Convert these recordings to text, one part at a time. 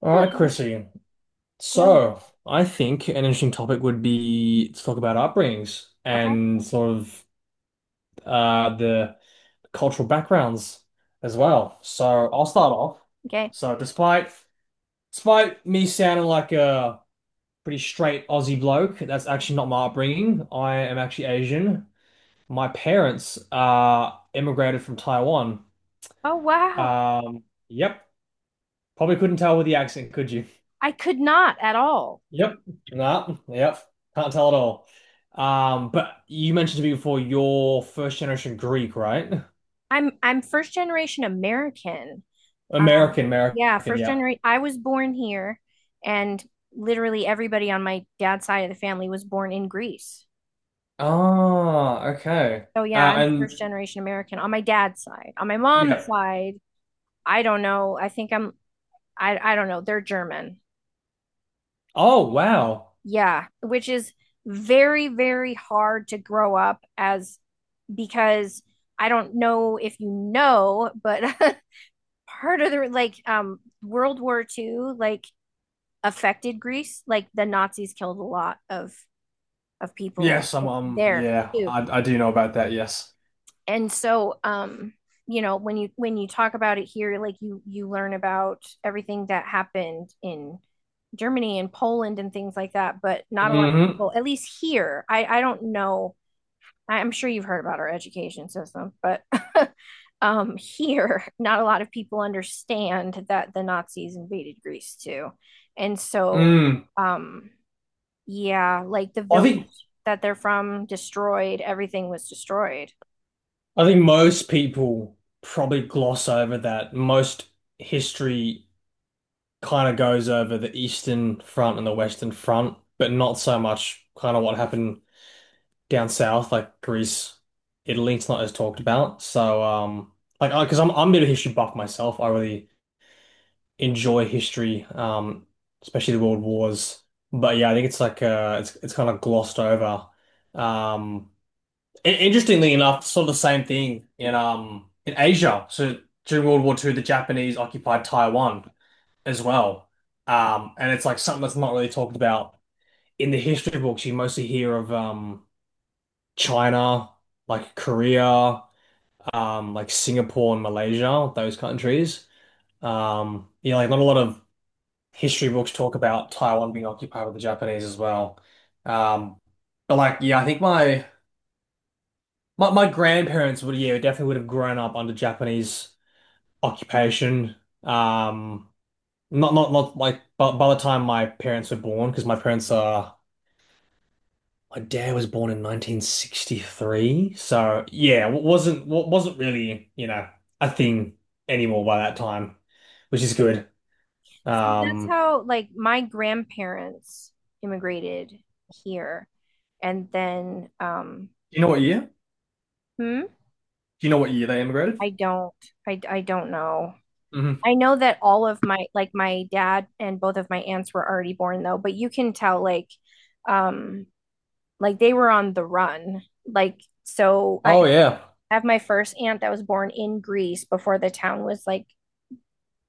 All right, Hello. Chrissy. Hello. So, I think an interesting topic would be to talk about upbringings Okay. and sort of the cultural backgrounds as well. So, I'll start off. Okay. So, despite me sounding like a pretty straight Aussie bloke, that's actually not my upbringing. I am actually Asian. My parents immigrated from Taiwan. Oh wow. Um, yep, probably couldn't tell with the accent, could you? I could not at all. Yep. Nah, yep. Can't tell at all. But you mentioned to me before you're first generation Greek, right? I'm first generation American. Uh, American, yeah, American, first yep. generation. I was born here, and literally everybody on my dad's side of the family was born in Greece. Ah, okay. So yeah, Uh, I'm first and generation American on my dad's side. On my yeah. mom's side, I don't know. I think I'm I don't know. They're German. Oh, wow. Yeah, which is very hard to grow up as because I don't know if you know, but part of the like World War Two like affected Greece. Like the Nazis killed a lot of people Yes, there too. I do know about that, yes. And so, you know, when you talk about it here, like you learn about everything that happened in Germany and Poland and things like that, but not a lot of Hmm. people, at least here. I don't know, I'm sure you've heard about our education system, but here, not a lot of people understand that the Nazis invaded Greece too. And so, Mm. um, yeah, like the I think village that they're from destroyed, everything was destroyed. I think most people probably gloss over that. Most history kind of goes over the Eastern Front and the Western Front, but not so much kind of what happened down south, like Greece, Italy, it's not as talked about. So, like, because I'm a bit of a history buff myself. I really enjoy history, especially the World Wars. But yeah, I think it's it's kind of glossed over. Um, Interestingly enough, sort of the same thing in Asia. So during World War Two, the Japanese occupied Taiwan as well. And it's like something that's not really talked about in the history books. You mostly hear of China, like Korea, like Singapore and Malaysia, those countries. Yeah, like not a lot of history books talk about Taiwan being occupied with the Japanese as well. Um, but like, yeah, I think my grandparents would, yeah, definitely would have grown up under Japanese occupation. Um, not like by the time my parents were born, because my parents are my dad was born in 1963, so yeah, wasn't really, you know, a thing anymore by that time, which is good. So that's Um, how, like, my grandparents immigrated here. And then, Do you know what year? hmm, Do you know what year they immigrated? I don't, I don't know. Mhm. I know that all of my, like, my dad and both of my aunts were already born though, but you can tell, like, um like they were on the run. Like, so I Oh yeah. have my first aunt that was born in Greece before the town was, like,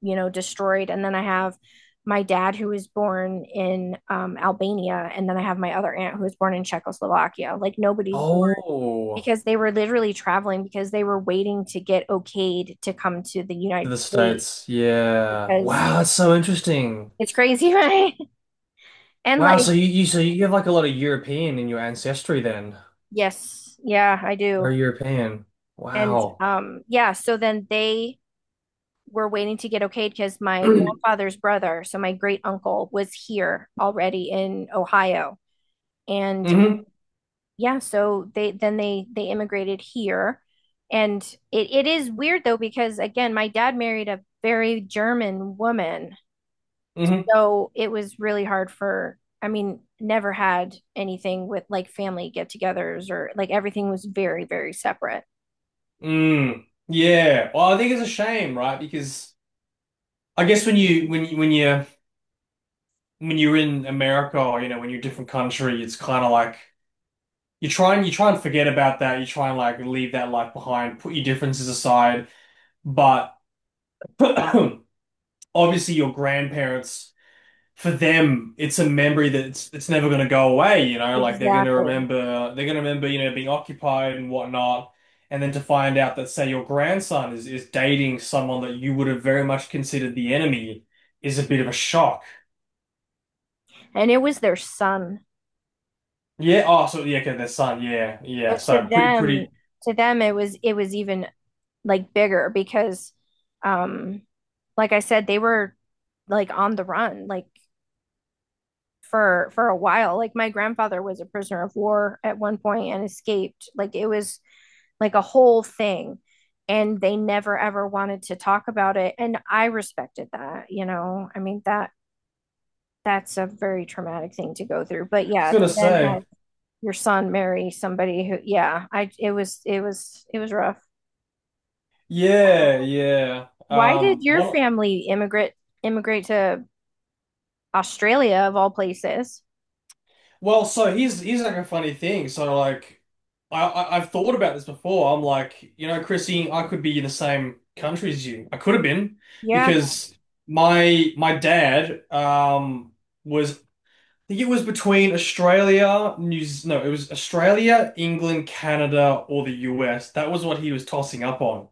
you know, destroyed, and then I have my dad who was born in Albania, and then I have my other aunt who was born in Czechoslovakia. Like nobody's born Oh, because they were literally traveling because they were waiting to get okayed to come to the to United the States States. Yeah. because Wow, that's so interesting. it's crazy, right? And Wow, like, so you so you have like a lot of European in your ancestry then. yes, yeah, I do. Very European. And Wow. Yeah, so then they were waiting to get okayed because my grandfather's brother, so my great uncle, was here already in Ohio. And Mm-hmm. yeah, so they, then they immigrated here. And it is weird though, because again, my dad married a very German woman. Mm-hmm. So it was really hard for, I mean, never had anything with like family get-togethers, or like everything was very, very separate. Mm. Yeah. Well, I think it's a shame, right? Because I guess when you when you when you when you're in America, or you know when you're a different country, it's kind of like you try and forget about that. You try and like leave that life behind, put your differences aside. But obviously, your grandparents, for them, it's a memory that's it's never going to go away. You know, like they're going to Exactly. remember they're going to remember you know being occupied and whatnot. And then to find out that, say, your grandson is dating someone that you would have very much considered the enemy is a bit of a shock. And it was their son. Yeah. Oh, so yeah, okay, their son. Yeah, yeah. But So pretty, pretty. to them it was, it was even like bigger because, um like I said, they were like on the run, like for a while. Like my grandfather was a prisoner of war at one point and escaped. Like it was like a whole thing. And they never ever wanted to talk about it. And I respected that, you know. I mean, that that's a very traumatic thing to go through. I But was yeah, to gonna then say, have your son marry somebody who, yeah, I it was, it was rough. yeah, yeah. Why did your One. family immigrate to Australia of all places? Well, so here's like a funny thing. So like, I've thought about this before. I'm like, you know, Chrissy, I could be in the same country as you. I could have been Yeah. because my dad was I think it was between Australia, no, it was Australia, England, Canada, or the US. That was what he was tossing up on.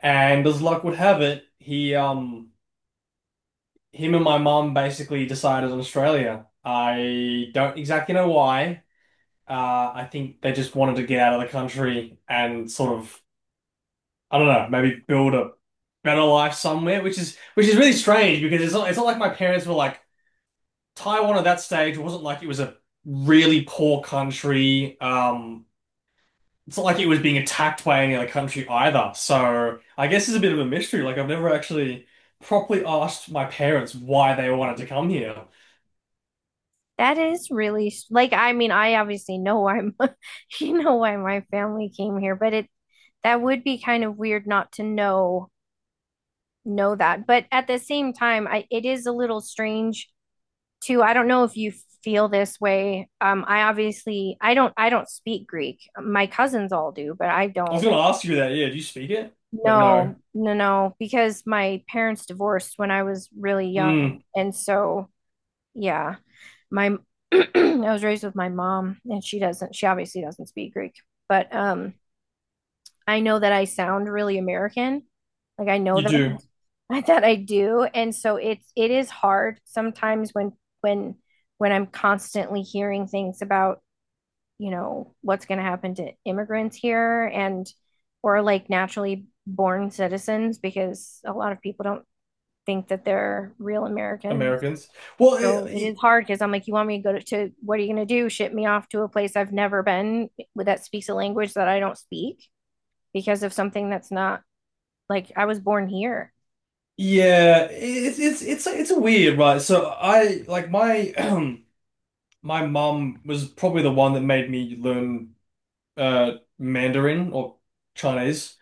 And as luck would have it, he him and my mum basically decided on Australia. I don't exactly know why. I think they just wanted to get out of the country and sort of I don't know, maybe build a better life somewhere, which is really strange because it's not like my parents were like Taiwan at that stage. It wasn't like it was a really poor country. It's not like he was being attacked by any other country either. So I guess it's a bit of a mystery. Like I've never actually properly asked my parents why they wanted to come here. That is really, like, I mean, I obviously know why my-- you know, why my family came here, but it, that would be kind of weird not to know that. But at the same time, I it is a little strange too. I don't know if you feel this way. I obviously, I don't I don't speak Greek. My cousins all do, but I I was don't. gonna ask you that, yeah, do you speak it? But no. No, no, no, because my parents divorced when I was really Mm, young, and so yeah, my I was raised with my mom, and she doesn't, she obviously doesn't speak Greek. But I know that I sound really American. Like I know you that do, I, that I do. And so it's, it is hard sometimes when when I'm constantly hearing things about, you know, what's going to happen to immigrants here, and or like naturally born citizens, because a lot of people don't think that they're real Americans. Americans. Well, So it is hard because I'm like, you want me to go to, what are you going to do? Ship me off to a place I've never been with, that speaks a language that I don't speak, because of something that's not, like, I was born here. yeah, it's it's it's a weird, right? So I like my my mum was probably the one that made me learn uh Mandarin or Chinese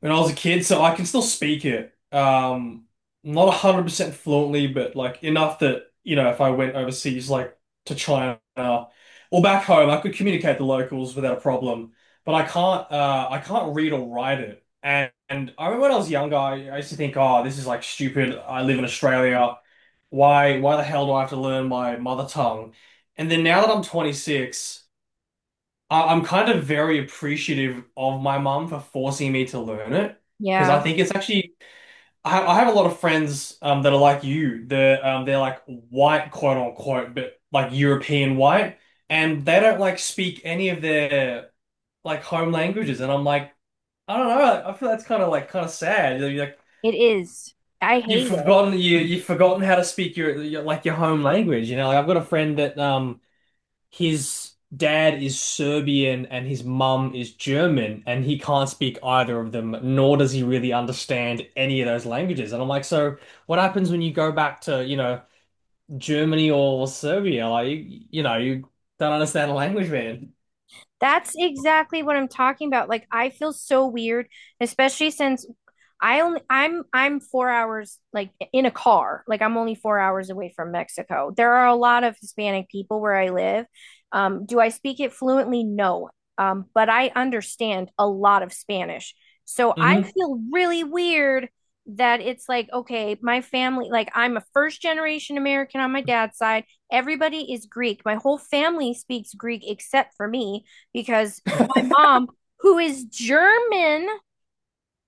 when I was a kid, so I can still speak it. Not 100% fluently, but like enough that, you know, if I went overseas, like to China or back home, I could communicate the locals without a problem. But I can't read or write it. And I remember when I was younger, I used to think, oh, this is like stupid. I live in Australia. Why the hell do I have to learn my mother tongue? And then now that I'm 26, I'm kind of very appreciative of my mum for forcing me to learn it because Yeah, I think it's actually I have a lot of friends that are like you. They're like white, quote unquote, but like European white, and they don't like speak any of their like home languages. And I'm like, I don't know. I feel that's kind of like kind of sad. You're like it is. I hate it. You you've forgotten how to speak your like your home language. You know, like I've got a friend that his dad is Serbian and his mum is German, and he can't speak either of them, nor does he really understand any of those languages. And I'm like, so what happens when you go back to, you know, Germany or Serbia? Like, you know, you don't understand the language, man. That's exactly what I'm talking about. Like I feel so weird, especially since I only, I'm 4 hours, like, in a car. Like I'm only 4 hours away from Mexico. There are a lot of Hispanic people where I live. Do I speak it fluently? No. But I understand a lot of Spanish. So I Hmm. feel really weird that it's like, okay, my family, like I'm a first generation American on my dad's side. Everybody is Greek. My whole family speaks Greek except for me, because my mom, who is German,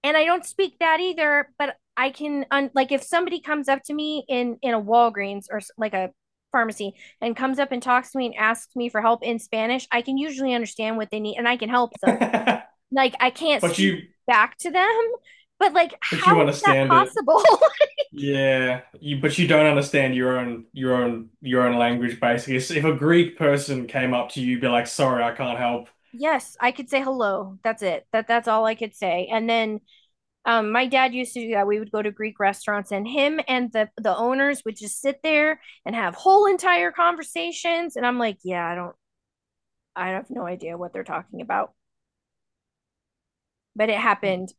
and I don't speak that either, but I can un-- like if somebody comes up to me in a Walgreens or like a pharmacy and comes up and talks to me and asks me for help in Spanish, I can usually understand what they need and I can help them. Like I can't But speak back to them, but like but you how is that understand it. possible? Yeah, but you don't understand your own language basically. So if a Greek person came up to you, be like, "Sorry, I can't help." Yes, I could say hello. That's it. That's all I could say. And then, my dad used to do that. We would go to Greek restaurants, and him and the owners would just sit there and have whole entire conversations. And I'm like, yeah, I don't, I have no idea what they're talking about, but it happened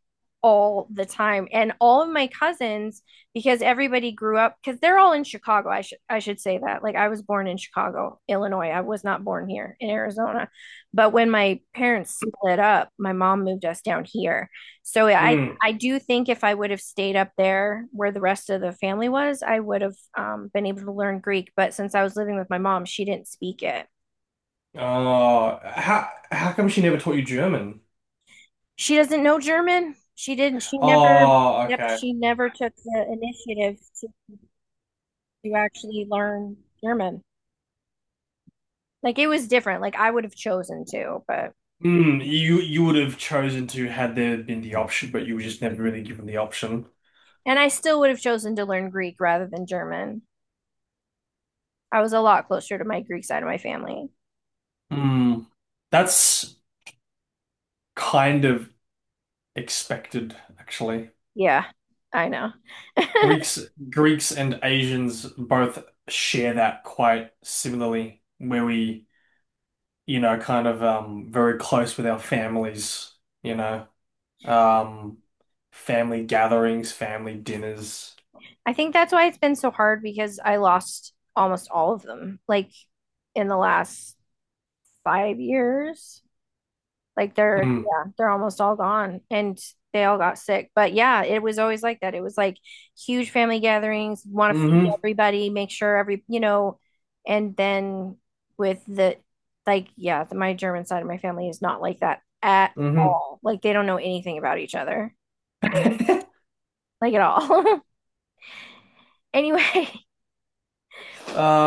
all the time. And all of my cousins, because everybody grew up, because they're all in Chicago. I should say that. Like I was born in Chicago, Illinois. I was not born here in Arizona. But when my parents split up, my mom moved us down here. So Hmm. I do think if I would have stayed up there where the rest of the family was, I would have, been able to learn Greek. But since I was living with my mom, she didn't speak it. Oh, how come she never taught you German? She doesn't know German. She didn't. She never. Oh, Yep. okay. She never took the initiative to actually learn German. Like it was different. Like I would have chosen to. But Mm, you would have chosen to had there been the option, but you were just never really given the option. and I still would have chosen to learn Greek rather than German. I was a lot closer to my Greek side of my family. Mm, that's kind of expected, actually. Yeah, I know. Greeks Greeks and Asians both share that quite similarly, where we, you know, kind of very close with our families, you know, um family gatherings, family dinners. I think that's why it's been so hard, because I lost almost all of them, like in the last 5 years. Like they're, Mm. yeah, they're almost all gone, and they all got sick. But yeah, it was always like that. It was like huge family gatherings, want Hmm. to feed Mm-hmm. everybody, make sure every, you know, and then with the, like, yeah, the, my German side of my family is not like that at Mm-hmm. all. Like they don't know anything about each other, like at all. Anyway, uh,